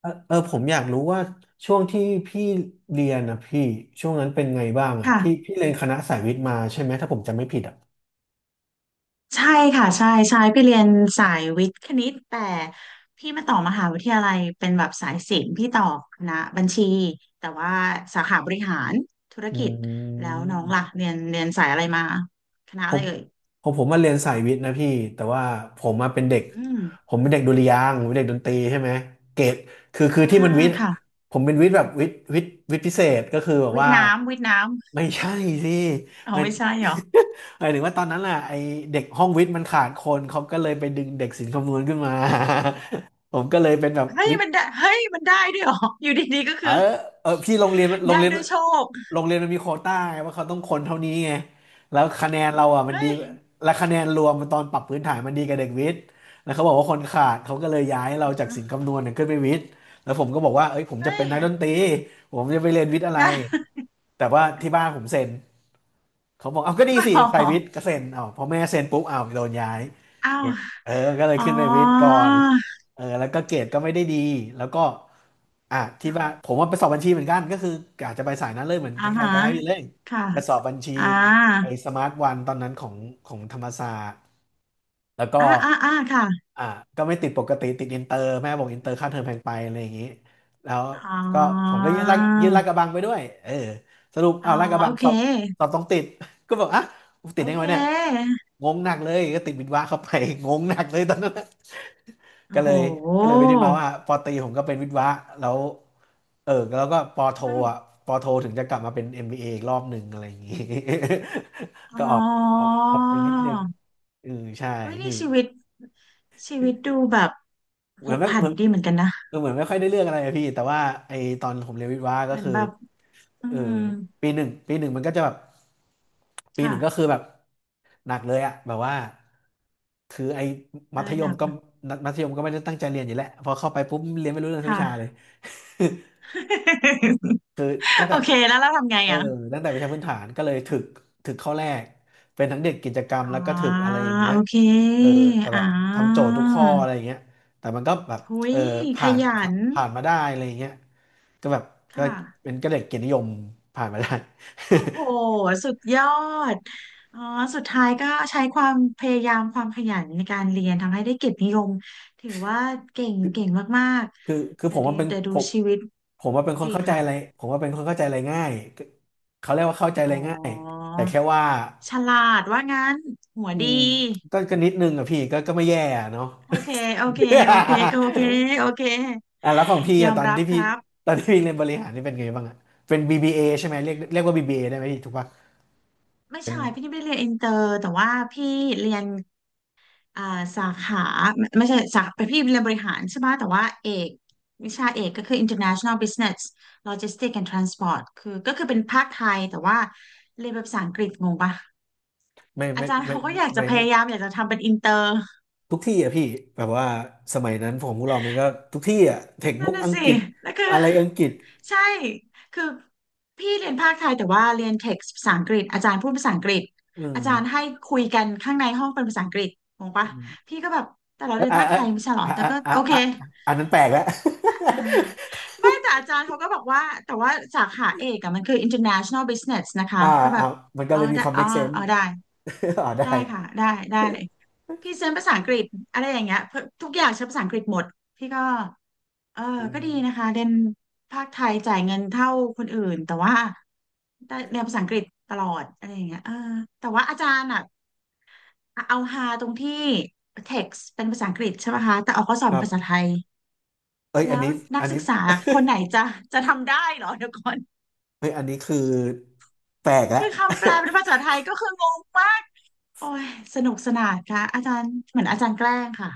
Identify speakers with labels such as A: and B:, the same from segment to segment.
A: เออผมอยากรู้ว่าช่วงที่พี่เรียนนะพี่ช่วงนั้นเป็นไงบ้างอ่ะ
B: ค่ะ
A: พี่พี่เรียนคณะสายวิทย์มาใช่ไหมถ้าผมจำไม่ผิดอ่ะ
B: ใช่ค่ะใช่ใช่พี่เรียนสายวิทย์คณิตแต่พี่มาต่อมหาวิทยาลัยเป็นแบบสายศิลป์พี่ต่อคณะบัญชีแต่ว่าสาขาบริหารธุร
A: อื
B: กิจแล้ว
A: ม
B: น้องล่ะเรียนเรียนสายอะไรมาคณะ
A: ผ
B: อะไร
A: ม
B: เอ่ย
A: ผมมาเรียนสายวิทย์นะพี่แต่ว่าผมมาเป็นเด็ก
B: อืม
A: ผมเป็นเด็กดุริยางค์ผมเป็นเด็กดนตรีใช่ไหมเกรดคือคื
B: อ่า
A: อที่มันวิทย์
B: ค่ะ
A: ผมเป็นวิทย์แบบวิทย์พิเศษก็คือแบบ
B: วิท
A: ว่า
B: ย์น้ำวิทย์น้
A: ไม่ใช่สิ
B: ำอ๋อ
A: มัน
B: ไม่ใช่เหรอ
A: หมายถึงว่าตอนนั้นน่ะไอเด็กห้องวิทย์มันขาดคนเขาก็เลยไปดึงเด็กศิลป์คำนวณขึ้นมา ผมก็เลยเป็นแบบ
B: เฮ้ย
A: วิท
B: มั
A: ย์
B: นได้เฮ้ยมันได้ด้วยเหรออยู่ดีๆก็
A: เออ
B: คือ
A: เออพี่
B: ได้ด้วยโชค
A: โรงเรียนมันมีโควต้าไงว่าเขาต้องคนเท่านี้ไงแล้วคะแนนเราอ่ะมัน
B: เฮ้
A: ดี
B: ย
A: และคะแนนรวมมันตอนปรับพื้นฐานมันดีกับเด็กวิทย์แล้วเขาบอกว่าคนขาดเขาก็เลยย้ายเราจากศิลป์คำนวณเนี่ยขึ้นไปวิทย์แล้วผมก็บอกว่าเอ้ยผมจะ
B: เฮ้
A: เป็
B: ย
A: นนักดนตรีผมจะไปเรียนวิทย์อะไร
B: งั้น
A: แต่ว่าที่บ้านผมเซ็น เขาบอกเอาก็ดีสิ
B: อ๋อ
A: ใส่วิทย์ก็เซ็นเอาพอแม่เซ็นปุ๊บเอาโดนย้าย
B: อ้าว
A: เนี่ยเออ ก็เลย
B: อ๋อ
A: ขึ้นไปวิทย์ก่อนเออแล้วก็เกรดก็ไม่ได้ดีแล้วก็อ่ะที่ว่าผมว่าไปสอบบัญชีเหมือนกันก็คืออาจจะไปสายนั้นเลยเหมือนค
B: อ่า
A: ล้ายๆ
B: ฮะ
A: คล้ายๆพี่เล่ง
B: ค่ะ
A: รปสอบบัญชี
B: อ่า
A: ไอ้สมาร์ทวันตอนนั้นของธรรมศาสตร์ แล้วก็
B: อ่าอ่าอ่าค่ะ
A: อ่าก็ไม่ติดปกติติดอินเตอร์แม่บอกอินเตอร์ค่าเทอมแพงไปอะไรอย่างนี้แล้ว
B: อ๋
A: ก็ผม
B: อ
A: ก็ยื่นลาดยื่นลากกระบังไปด้วยเออสรุป
B: อ๋อ
A: อ้าวลากกระบั
B: โอ
A: ง
B: เค
A: สอบสอบต้องติด ก็บอกอ่ะกูติ
B: โอ
A: ดได้ไง
B: เ
A: วะเนี่ย
B: ค
A: งงหนักเลยก็ติดวิทย์วะเข้าไป งงหนักเลยตอนนั้นน่ะ
B: โอ้
A: ก็เล
B: โห
A: ยก็เลยไปที่มาว่าปอตรีผมก็เป็นวิทย์วะแล้วเออแล้วก็ปอโท
B: เฮ้ย
A: อ่ะปอโทถึงจะกลับมาเป็น MBA อมบีเออีกรอบหนึ่งอะไรอย่างนี้
B: อ๋
A: ก็
B: อ
A: ออกออกไปนิดนึงอือใช่
B: เฮ้ยนี่
A: พี่
B: ชีวิตชีวิตดูแบบ
A: เห
B: ผ
A: มือน
B: ก
A: ไม่
B: ผั
A: เห
B: น
A: มือน
B: ดีเหมือนกันนะ
A: เออเหมือนไม่ค่อยได้เรื่องอะไรอะพี่แต่ว่าไอตอนผมเรียนวิทย์วะ
B: เห
A: ก็
B: มือน
A: คือ
B: แบบอื
A: เออ
B: ม
A: ปีหนึ่งมันก็จะแบบปีหนึ่งก็
B: ค่ะ
A: คือแบบหนักเลยอะแบบว่าคือไอ้มั
B: อะไร
A: ธย
B: หนั
A: ม
B: ก
A: ก็มัธยมก็ไม่ได้ตั้งใจเรียนอยู่แล้วพอเข้าไปปุ๊บเรียนไม่รู้เรื่องสักวิชาเลย
B: ค่ะ
A: คือตั้ง
B: โอ
A: แต่
B: เคแล้วเราทำไง
A: เออ
B: อ่ะ
A: ตั้งแต่วิชาพื้นฐานก็เลยถึกถึกข้อแรกเป็นทั้งเด็กกิจกรรม
B: อ๋อ
A: แล้วก็ถึกอะไรอย่างเงี้
B: โอ
A: ย
B: เค
A: เออแต่
B: อ่
A: แบบทำโจท
B: า
A: ย์ทุกข้ออะไรอย่างเงี้ยแต่มันก็แบบ
B: หุ
A: เอ
B: ย
A: อ
B: ข
A: ผ่าน
B: ยั
A: ผ่า
B: น
A: ผ่านมาได้อะไรอย่างเงี้ยก็แบบก็
B: ค่ะ
A: เป็นก็เด็กเกียรตินิยมผ่านมาได้
B: โหสุดยอดอ๋อสุดท้ายก็ใช้ความพยายามความขยันในการเรียนทำให้ได้เกียรตินิยมถือว่าเก่งเก่งมาก
A: คือคือ
B: ๆ
A: คือ
B: แต่
A: ผม
B: ดี
A: ว่าเป็น
B: แต่ดู
A: ผม
B: ชีวิต
A: ผมว่าเป็นคน
B: ดี
A: เข้าใจอะไร
B: ค่ะ
A: ผมว่าเป็นคนเข้าใจอะไรง่ายก็เขาเรียกว่าเข้าใจอะ
B: อ๋อ
A: ไรง่ายแต่แค่ว่า
B: ฉลาดว่างั้นหัว
A: อื
B: ดี
A: มก็นิดนึงอะพี่ก็ไม่แย่อะเนาะ
B: โอเคโอเคโอเคโอ เคโอเค
A: อ่ะแล้วของพี่
B: ยอ
A: อะต
B: ม
A: อน
B: รับ
A: ที่
B: ค
A: พี่
B: รับ
A: ตอนที่พี่เรียนบริหารนี่เป็นไงบ้างอะเป็น BBA ใช่ไหมเรียกว่า BBA ได้ไหมพี่ถูกปะ
B: ไม่
A: เป็น
B: ใช่พี่นี่ไม่ได้เรียนอินเตอร์แต่ว่าพี่เรียน อ่าสาขาไม่ไม่ใช่สาขาพี่เรียนบริหารใช่ไหมแต่ว่าเอกวิชาเอกก็คือ International Business Logistics and Transport คือก็คือเป็นภาคไทยแต่ว่าเรียนเป็นภาษาอังกฤษงงปะ
A: ไม่
B: อา
A: ไม่
B: จารย์
A: ไม่
B: เขาก็อยาก
A: ไม่
B: จะ
A: ไม่
B: พ
A: ไม่
B: ยายามอยากจะทำเป็นอินเตอร์
A: ทุกที่อะพี่แบบว่าสมัยนั้นผมพวกเรามันก็ทุกที่อะเทค
B: นั่
A: บุ๊
B: น
A: ก
B: น่ะ
A: อัง
B: สิ
A: กฤษ
B: แล้วคือ
A: อะไรอังกฤษ
B: ใช่คือพี่เรียนภาคไทยแต่ว่าเรียนเท็กซ์ภาษาอังกฤษอาจารย์พูดภาษาอังกฤษ
A: อื
B: อาจารย์
A: ม
B: ให้คุยกันข้างในห้องเป็นภาษาอังกฤษงงปะ
A: อืม
B: พี่ก็แบบแต่เรา
A: อ่ะ
B: เรียน
A: อ่ะ
B: ภาคไทยไม่ใช่เหรอ
A: อ่ะ
B: แต่
A: อ่ะ
B: ก็
A: อ่ะ
B: โอเค
A: อ่ะอะอันนั้นแปลกแล้ว
B: อ่าไม่แต่อาจารย์เขาก็บอกว่าแต่ว่าสาขาเอกอะมันคือ international business นะ คะ
A: อ่า
B: ก็แบ
A: อ่า
B: บ
A: มันก็
B: อ๋อ
A: เลยมี
B: ได้
A: ความ
B: อ๋อ
A: make sense
B: อ๋อได้
A: อ่าได้
B: ได้ค่ะได้ได้พรี่เซนต์ภาษาอังกฤษอะไรอย่างเงี้ยเพราะทุกอย่างใช้ภาษาอังกฤษหมดพี่ก็เออ
A: อื
B: ก็ดี
A: ม
B: นะคะเรียนภาคไทยจ่ายเงินเท่าคนอื่นแต่ว่าได้เรียนภาษาอังกฤษตลอดอะไรอย่างเงี้ยเออแต่ว่าอาจารย์อ่ะเอาฮาตรงที่ text เป็นภาษาอังกฤษใช่ไหมคะแต่ออกข้อสอบ
A: ค
B: เป็
A: รั
B: น
A: บ
B: ภาษาไทย
A: เอ้ยอัน
B: แล้ว
A: นี้
B: นั
A: อั
B: ก
A: น
B: ศึ
A: นี้
B: กษาคนไหนจะจะทำได้เหรอเดี๋ยวก่อน
A: เอ้ยอันนี้คือแปลกแล้
B: คื
A: ว
B: อคำแปลเป็นภาษาไทยก็คืองงมากโอ้ยสนุกสนานค่ะอาจารย์เหมือนอาจารย์แกล้งค่ะ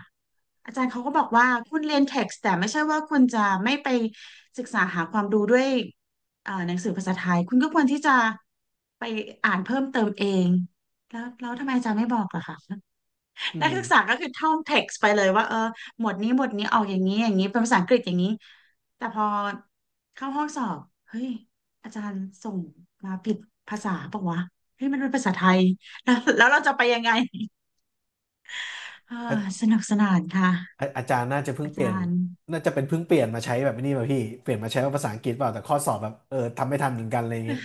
B: อาจารย์เขาก็บอกว่าคุณเรียนเท็กซ์แต่ไม่ใช่ว่าคุณจะไม่ไปศึกษาหาความรู้ด้วยหนังสือภาษาไทยคุณก็ควรที่จะไปอ่านเพิ่มเติมเองแล้วแล้วทำไมอาจารย์ไม่บอกล่ะคะ
A: อื
B: นักศึกษา
A: ม
B: ก็คือท่องเท็กซ์ไปเลยว่าเออหมวดนี้หมวดนี้ออกอย่างนี้อย่างนี้เป็นภาษาอังกฤษอย่างนี้แต่พอเข้าห้องสอบเฮ้ยอาจารย์ส่งมาผิดภาษาปะวะเฮ้ยมันเป็นภาษาไทยแล้วแล้วเราจะไปยังไงเออ
A: อา
B: สนุกสนานค่ะ
A: อาจารย์น่าจะเพิ่ง
B: อา
A: เปลี่ย
B: จา
A: น
B: รย์
A: น่าจะเป็นเพิ่งเปลี่ยนมาใช้แบบนี้มาพี่เปลี่ยนมาใช้ว่าภาษาอังกฤษเปล่าแต่ข้อสอบแบบเออทำไม่ทันเหมือนกันอะไรเงี้ย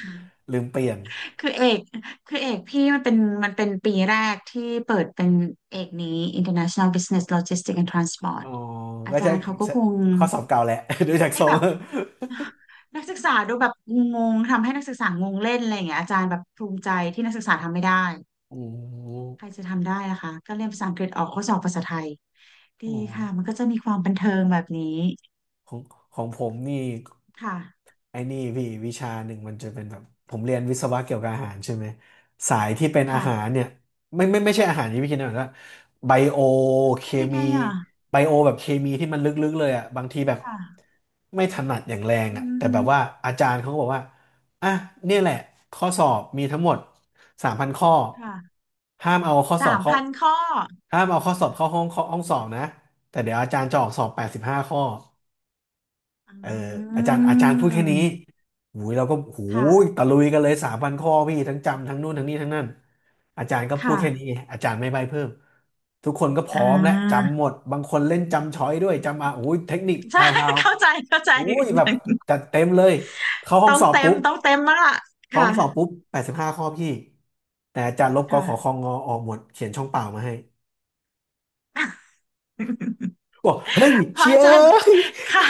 A: ลืมเปลี่ยน
B: คือเอกคือเอกพี่มันเป็นมันเป็นปีแรกที่เปิดเป็นเอกนี้ International Business Logistics and
A: อ๋
B: Transport
A: อ
B: อา
A: ก็
B: จา
A: ใช่
B: รย์เขาก็คง
A: ข้อสอบเก่าแหละ ดูจาก
B: ให้
A: ทร
B: แบ
A: ง
B: บ นักศึกษาดูแบบงงๆทำให้นักศึกษางงเล่นอะไรอย่างเงี้ยอาจารย์แบบภูมิใจที่นักศึกษาทำไม่ได้
A: โอ้
B: ใครจะทำได้ล่ะคะก็เรียนภาษาอังกฤษออกข้อสอบภาษาไทยดีค่ะ
A: โห
B: มันก็จะมีความบันเทิงแบบนี้
A: ของของผมนี่
B: ค่ะ
A: ไอ้นี่พี่วิชาหนึ่งมันจะเป็นแบบผมเรียนวิศวะเกี่ยวกับอาหารใช่ไหมสายที่เป็นอา
B: ค่ะ
A: หารเนี่ยไม่ใช่อาหารที่พี่คิดนะแบบว่าไบโอเค
B: เป็นยังไง
A: มี
B: อ่ะ
A: ไบโอแบบเคมีที่มันลึกๆเลยอ่ะบางทีแบบ
B: ค่ะ
A: ไม่ถนัดอย่างแรง
B: อื
A: อ่ะ
B: อ
A: แต่
B: ฮึ
A: แบบว่าอาจารย์เขาก็บอกว่าอ่ะเนี่ยแหละข้อสอบมีทั้งหมด3,000 ข้อ
B: ค่ะ
A: ห้ามเอาข้อสอ
B: สา
A: บ
B: ม
A: เข้า
B: พันข้อ
A: ห้ามเอาข้อสอบเข้าห้องห้องสอบนะแต่เดี๋ยวอาจารย์จะออกสอบ85 ข้อ
B: อื
A: เอออาจารย์พูดแค่นี้
B: ม
A: หูยเราก็หูย
B: ค่ะ
A: ตะลุยกันเลย3,000 ข้อพี่ทั้งจำทั้งนู่นทั้งนี้ทั้งนั้นอาจารย์ก็พูด
B: ค่ะ
A: แค่นี้ไงอาจารย์ไม่ใบ้เพิ่มทุกคนก็พ
B: อ่
A: ร้อมและ
B: า
A: จำหมดบางคนเล่นจำช้อยด้วยจำอ่ะโอ้ยเทคนิคแผ
B: ใช่
A: ่ ว
B: เข้าใจเข้า
A: ๆ
B: ใจ
A: โอ้ยแบบจัดเต็มเลยเข้าห้อ
B: ต้
A: ง
B: อง
A: สอบ
B: เต็ม
A: ปุ๊บ
B: ต้องเต็มมากอะ
A: เข้า
B: ค่ะ
A: ห้องสอบปุ๊บ85 ข้อพี่แต่อาจารย์ลบก
B: ค่ะ
A: ขอคองงอออกหมดเขียนช่องเปล่ามาให้ บอกเฮ้ย
B: พระ
A: เชี
B: อา
A: ย
B: จารย์ค่ะ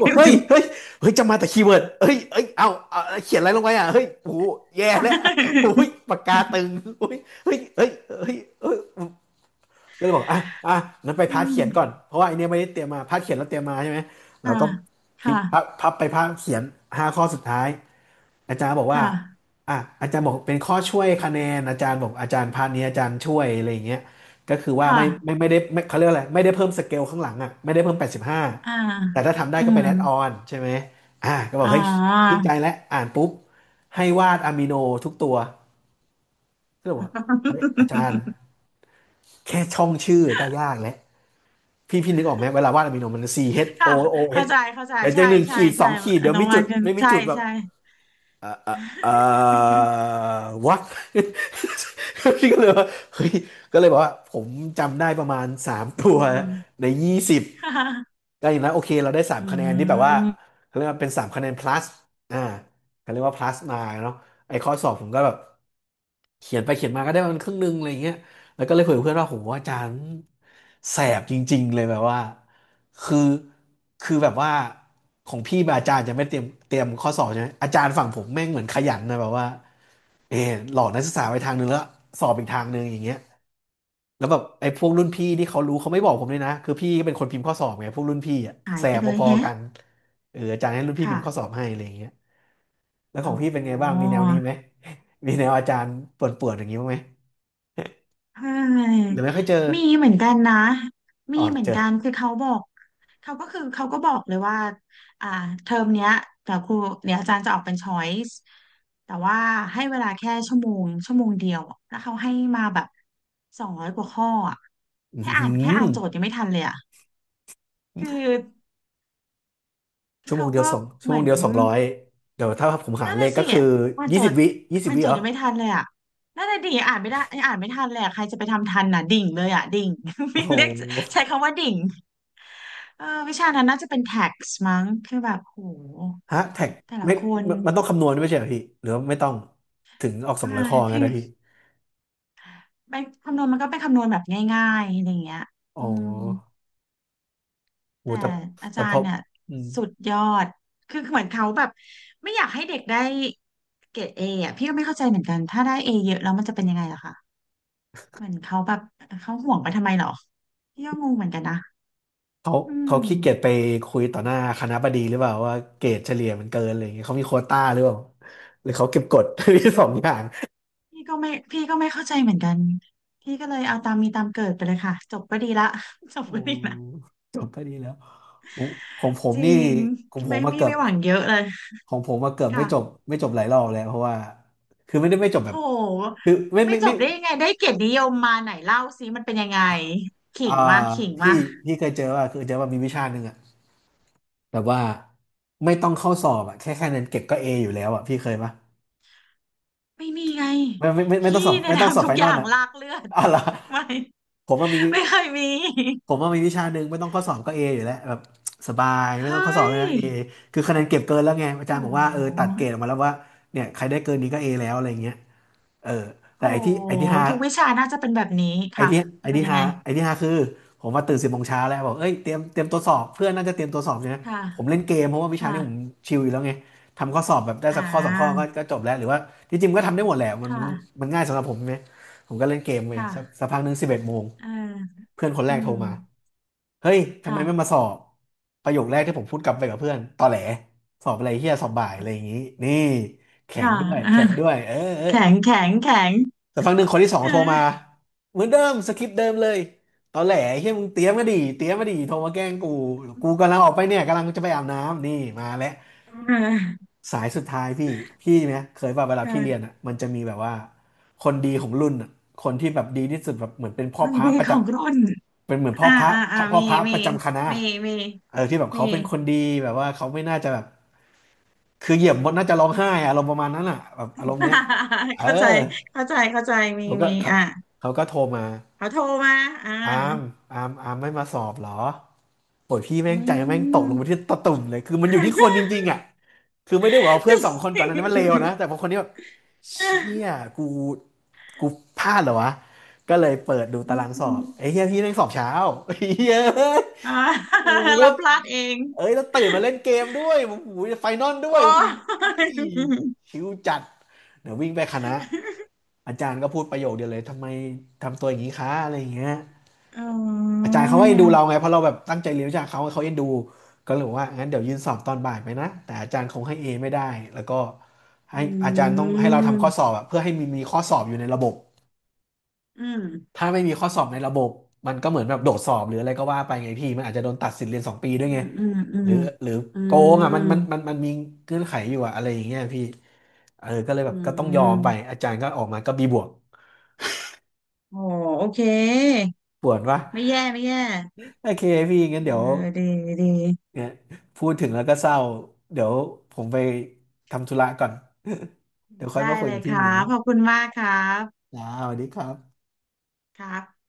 A: บอกเฮ้ยเฮ้ยจำมาแต่คีย์เวิร์ดเฮ้ยเอาเขียนอะไรลงไปอ่ะเฮ้ยโอ้โหแย่แล้วโอ้ยปากกาตึงโอ้ยเฮ้ยก็เลยบอก อ่ะงั้นไป
B: อื
A: พาร์ทเขี
B: ม
A: ยนก่อน เพราะว่าไอเนี้ยไม่ได้เตรียมมาพาร์ทเขียนเราเตรียมมาใช่ไหมเรา
B: ค่ะ
A: ก็พลิ
B: ค่ะ
A: กพพับพับไปพาร์ทเขียนห้าข้อสุดท้าย อาจารย์บอกว่า
B: ค่ะ
A: อ่ะอาจารย์บอกเป็นข้อช่วยคะแนนอาจารย์บอกอาจารย์พาร์ทนี้อาจารย์ช่วยอะไรอย่างเงี้ยก็คือ
B: ค
A: ว่าไม่ไม่
B: ่ะ
A: ไม่ได้ไม่เขาเรียกอะไรไม่ได้เพิ่มสเกลข้างหลังอ่ะไม่ได้เพิ่มแปดสิบห้า
B: อ่า
A: แต่ถ้าทำได้
B: อื
A: ก็เป็
B: ม
A: นแอดออนใช่ไหมอ่ะก็บอก
B: อ่
A: เฮ้ยชื่น
B: า
A: ใจแล้วอ่านปุ๊บให้วาดอะมิโนทุกตัวก็เลยบอกว่าอาจารย์แค่ช่องชื่อก็ยากแล้วพี่นึกออกไหมเวลาวาดอะมิโนมัน C H O
B: ค่ะ
A: O H เอ
B: เข้า
A: ช
B: ใจเข้าใจ
A: เดี๋ยวจะ
B: ใช่
A: หนึ่ง
B: ใช่
A: ขีดส
B: ใช่
A: องขีดเดี๋ยว
B: น้อ
A: มี
B: งวั
A: จุ
B: น
A: ด
B: ก็
A: ไม่มี
B: ใช่
A: จุดแบบ
B: ใช่
A: อ่าอ่าอ่า w h a พี่ก็เลยว่าเฮ้ยก็เลยบอกว่าผมจำได้ประมาณสาม
B: อื
A: ตัว
B: ม
A: ในยี่สิบ
B: ค่ะ
A: ก็อย่างนั้นโอเคเราได้สาม
B: อื
A: คะแนนที่แบบว่า
B: ม
A: เขาเรียกว่าเป็นสามคะแนน plus อ่าเขาเรียกว่า plus มาเนาะไอ้ข้อสอบผมก็แบบ เขียนไปเขียนมาก็ได้มันครึ่งหนึงอะไรเงี้ยแล้วก็เลยคุยกับเพื่อนว่าโหอาจารย์แสบจริงๆเลยแบบว่าคือคือแบบว่าของพี่แบบอาจารย์จะไม่เตรียมข้อสอบใช่ไหมอาจารย์ฝั่งผมแม่งเหมือนขยันนะแบบว่าเออหลอกนักศึกษาไปทางนึงแล้วสอบอีกทางนึงอย่างเงี้ยแล้วแบบไอ้พวกรุ่นพี่ที่เขารู้เขาไม่บอกผมเลยนะคือพี่ก็เป็นคนพิมพ์ข้อสอบไงพวกรุ่นพี่อะ
B: หา
A: แส
B: ยไป
A: บ
B: เลย
A: พอๆ
B: แฮะ
A: กันอาจารย์ให้รุ่นพี่พิ
B: ค่ะ
A: มพ์ข้อสอบให้อะไรอย่างเงี้ย แล้วข
B: อ๋
A: องพี่เป็นไงบ้าง
B: อ
A: มีแนวนี้ไหม มีแนวอาจารย์ป่วนๆอย่างนี้บ้างไหม
B: ใช
A: ห
B: ่
A: รือไม่ค่อยเจอ
B: มีเหมือนกันนะมี
A: อ๋อ
B: เหมือ
A: เจ
B: น
A: อ
B: กันคือเขาบอกเขาก็คือเขาก็บอกเลยว่าอ่าเทอมเนี้ยเดี๋ยวครูเดี๋ยวอาจารย์จะออกเป็น choice แต่ว่าให้เวลาแค่ชั่วโมงชั่วโมงเดียวอะแล้วเขาให้มาแบบ200 กว่าข้ออะ
A: อื
B: แค่อ่านแค่
A: ม
B: อ่านโจทย์ยังไม่ทันเลยอะคือ
A: ชั่วโม
B: เขา
A: งเดียว
B: ก็
A: สองชั่
B: เห
A: วโม
B: มื
A: ง
B: อน
A: เดียวสองร้อยเดี๋ยวถ้าผมหาร
B: นั่น
A: เล
B: น่ะ
A: ขก็
B: สิอ
A: คือ
B: ่าน
A: ยี่
B: โจ
A: สิบ
B: ทย์
A: วิยี่สิบ
B: อ่าน
A: วิ
B: โจ
A: เห
B: ท
A: ร
B: ย์
A: อ
B: ยังไม่ทันเลยอ่ะนั่นน่ะดิอ่านไม่ได้งอ่านไม่ทันเลยอะใครจะไปทำทันน่ะดิ่งเลยอ่ะดิ่ง
A: โอ้
B: มี
A: โห
B: เรียกใช้คำว่าดิ่งเออวิชานั้นน่าจะเป็น tax มั้งคือแบบโห
A: ฮะแท็ก
B: แต่ละ
A: ไม่
B: คน
A: มันต้องคำนวณด้วยไม่ใช่เหรอพี่หรือว่าไม่ต้องถึงออกสอง
B: อ่า
A: ร้อยข้องั้
B: พี่
A: นนะพี่
B: ไปคำนวณมันก็เป็นคำนวณแบบง่ายๆอะไรอย่างเงี้ย
A: อ๋
B: อื
A: อ
B: ม
A: โห
B: แต่
A: แต่
B: อา
A: แต่
B: จา
A: พ
B: ร
A: อ
B: ย์เนี่ย
A: อืม
B: สุดยอดคือเหมือนเขาแบบไม่อยากให้เด็กได้เกรดเออ่ะพี่ก็ไม่เข้าใจเหมือนกันถ้าได้เอเยอะแล้วมันจะเป็นยังไงล่ะคะ เหมือนเขาแบบเขาห่วงไปทำไมเหรอพี่ก็งงเหมือนกันนะ
A: เขา
B: อื
A: เขา
B: ม
A: ขี้เกียจไปคุยต่อหน้าคณบดีหรือเปล่าว่าเกรดเฉลี่ยมันเกินอะไรอย่างเงี้ยเขามีโควต้าหรือเปล่าหรือเขาเก็บกด ทีสองอย่าง
B: พี่ก็ไม่พี่ก็ไม่เข้าใจเหมือนกันพี่ก็เลยเอาตามมีตามเกิดไปเลยค่ะจบก็ดีละ จบ
A: โอ
B: ก็ดีละ
A: ้จบก็ดีแล้วของของผม
B: จริ
A: นี่
B: ง
A: ของผม
B: ไม่
A: มา
B: พี่
A: เกือบ
B: ไม่หวังเยอะเลย
A: ของผมมาเกือบไม่จบ
B: ค่ะ
A: หลายรอบแล้วเพราะว่าคือไม่จบแบ
B: โ
A: บ
B: ห
A: คือไม่
B: ไม่
A: ไม่
B: จ
A: ไม่
B: บได้ยังไงได้เกียรตินิยมมาไหนเล่าสิมันเป็นยังไงขิ
A: อ่า
B: งมาขิง
A: พี่
B: มา
A: พี่เคยเจอว่าคือเจอว่ามีวิชาหนึ่งอะแบบว่าไม่ต้องเข้าสอบอะแค่คะแนนเก็บก็เออยู่แล้วอะพี่เคยปะ
B: ไม่มีไง
A: ไม่ต้
B: พี่
A: องสอบ
B: เนี่ยทำทุ
A: ไฟ
B: กอ
A: นอ
B: ย่า
A: ล
B: ง
A: อะ
B: ลากเลือด
A: อะไร
B: ไม่
A: อผมว่ามี
B: ไม่เคยมี
A: ผมว่ามีวิชาหนึ่งไม่ต้องข้อสอบก็เออยู่แล้วแบบสบายไม่
B: เฮ
A: ต้องข้อสอบ
B: ้ย
A: เลยนะเอคือคะแนนเก็บเกินแล้วไงอาจาร
B: โอ้
A: ย์บอกว่าเออตัดเกรดออกมาแล้วว่าเนี่ยใครได้เกินนี้ก็เอแล้วอะไรเงี้ยเออแต่
B: โหทุกวิชาน่าจะเป็นแบบนี้
A: ไอ้
B: ค่ะ
A: ที่
B: มั
A: ไอ้
B: นเป็น
A: ที่
B: ยัง
A: ฮา
B: ไง
A: ไอ้ที่ฮาคือผมว่าตื่น10 โมงเช้าแล้วบอกเอ้ยเตรียมตัวสอบเพื่อนน่าจะเตรียมตัวสอบใช่ไหม
B: ค่ะ
A: ผมเล่นเกมเพราะว่าวิชา
B: ค่ะ
A: นี้ผมชิลอยู่แล้วไงทำข้อสอบแบบได้
B: อ่
A: สักข้อสองข้อก็
B: า
A: ก็จบแล้วหรือว่าที่จริงๆก็ทำได้หมดแหละ
B: ค
A: นมัน
B: ่ะ
A: มันง่ายสำหรับผมใช่ไหมผมก็เล่นเกมไป
B: ค่ะ
A: สักพักหนึ่ง11 โมง
B: เออ
A: เพื่อนคนแร
B: อื
A: กโทร
B: ม
A: มา เฮ้ยทำไม
B: ค่ะ
A: ไม่มาสอบประโยคแรกที่ผมพูดกลับไปกับเพื่อนตอแหลสอบอะไรเฮียสอบบ่ายอะไรอย่างนี้นี่แข็ง
B: ค่ะ
A: ด้วย
B: อ่า
A: แข็งด้วยเออ
B: แข็งแข็งแข็ง
A: แต่ฟังหนึ่งคนที่สอง
B: เอ
A: โทรมา
B: อ
A: เหมือนเดิมสคริปต์เดิมเลยตอแหลเฮียมึงเตรียมมาดิเตรียมมาดิโทรมาแกล้งกูกำลังออกไปเนี่ยกำลังจะไปอาบน้ำนี่มาแล้ว
B: เออ
A: สายสุดท้ายพี่พี่เนี่ยเคยว่าเวลา
B: เอ
A: พี่เรียน
B: อ
A: อ่ะมันจะมีแบบว่าคนดีของรุ่นอ่ะคนที่แบบดีที่สุดแบบเหมือนเป็น
B: ค
A: พ่อ
B: น
A: พระ
B: ดี
A: ประ
B: ข
A: จ
B: องรุ่น
A: ำเป็นเหมือนพ่
B: อ่า
A: อพระ
B: อ่าอ่า
A: พ่อ
B: มี
A: พระ
B: มี
A: ประจำคณะ
B: มีมี
A: เออที่แบบ
B: มี
A: เขาเป็นคนดีแบบว่าเขาไม่น่าจะแบบคือเหยียบมดน่าจะร้องไห้อะอารมณ์ประมาณนั้นอ่ะแบบอารมณ์เนี้ย เออ
B: เข้าใจเข้าใจเข้าใจมี
A: เขาก็
B: มี
A: เขา
B: อ่า
A: เขาก็โทรมา
B: เขาโทรมาอ่า
A: อาร์มอาร์มไม่มาสอบเหรอโอ้ยพี่แม่
B: อื
A: งใจแม่งตก
B: ม
A: ลงไปที่ตะตุ่มเลยคือมันอยู่ที่คนจริงๆอ่ะ คือไม่ได้บอกว่า
B: จ
A: เพื่อนสองคนก่อ
B: ริ
A: นห
B: ง
A: นั้านนมันเลวนะ แต่พอคนนี้แบบเชี่ยกูกูพลาดเหรอวะก็เลยเปิดดู
B: อื
A: ตารางสอบ
B: ม
A: ไอ้เฮียพี่แม่งสอบเช้า เฮียเอ้ย
B: อ่า
A: โอ้ ยแล้
B: เรา
A: ว
B: พลาดเอง
A: เอ้ยแล้วตื่นมาเล่นเกมด้วยโอ้โหไฟนอลด้
B: โอ้
A: วยโอ้
B: ย
A: โหชิวจัดเดี๋ยววิ่งไปคณะ อาจารย์ก็พูดประโยคเดียวเลยทำไมทำตัวอย่างนี้คะอะไรอย่างเงี้ย
B: อ๋
A: อา
B: อ
A: จารย์เขาก็เอ็นดูเราไงเพราะเราแบบตั้งใจเรียนวิชาเขาเขาเอ็นดูก็เลยบอกว่างั้นเดี๋ยวยื่นสอบตอนบ่ายไปนะแต่อาจารย์คงให้เอไม่ได้แล้วก็
B: อื
A: ให้อาจารย์ต้องให้เรา
B: ม
A: ทำข้อสอบอะเพื่อให้มีข้อสอบอยู่ในระบบ
B: อืม
A: ถ้าไม่มีข้อสอบในระบบมันก็เหมือนแบบโดดสอบหรืออะไรก็ว่าไปไงพี่มันอาจจะโดนตัดสิทธิ์เรียนสองปีด้ว
B: อื
A: ยไง
B: มอืมอื
A: หรื
B: ม
A: อหรือ
B: อื
A: โกงอ่ะมั
B: ม
A: นมันมันมันมีเงื่อนไขอยู่อะอะไรอย่างเงี้ยพี่เออก็เลยแบ
B: อื
A: บก็ต้องยอมไป
B: ม
A: อาจารย์ก็ออกมาก็บีบวก
B: โอ้โอเค
A: ปวดวะ
B: ไม่แย่ไม่แย่
A: โอเคพี่งั้น
B: เอ
A: เดี๋ยว
B: อดีดี
A: เนี่ยพูดถึงแล้วก็เศร้าเดี๋ยวผมไปทำธุระก่อน เดี๋ยวค่อย
B: ได้
A: มาคุย
B: เล
A: กั
B: ย
A: บ
B: ค
A: พี่ใหม่
B: รับ
A: นะ
B: ขอบคุณมากครับ
A: จ้าสวัสดีครับ
B: ครับ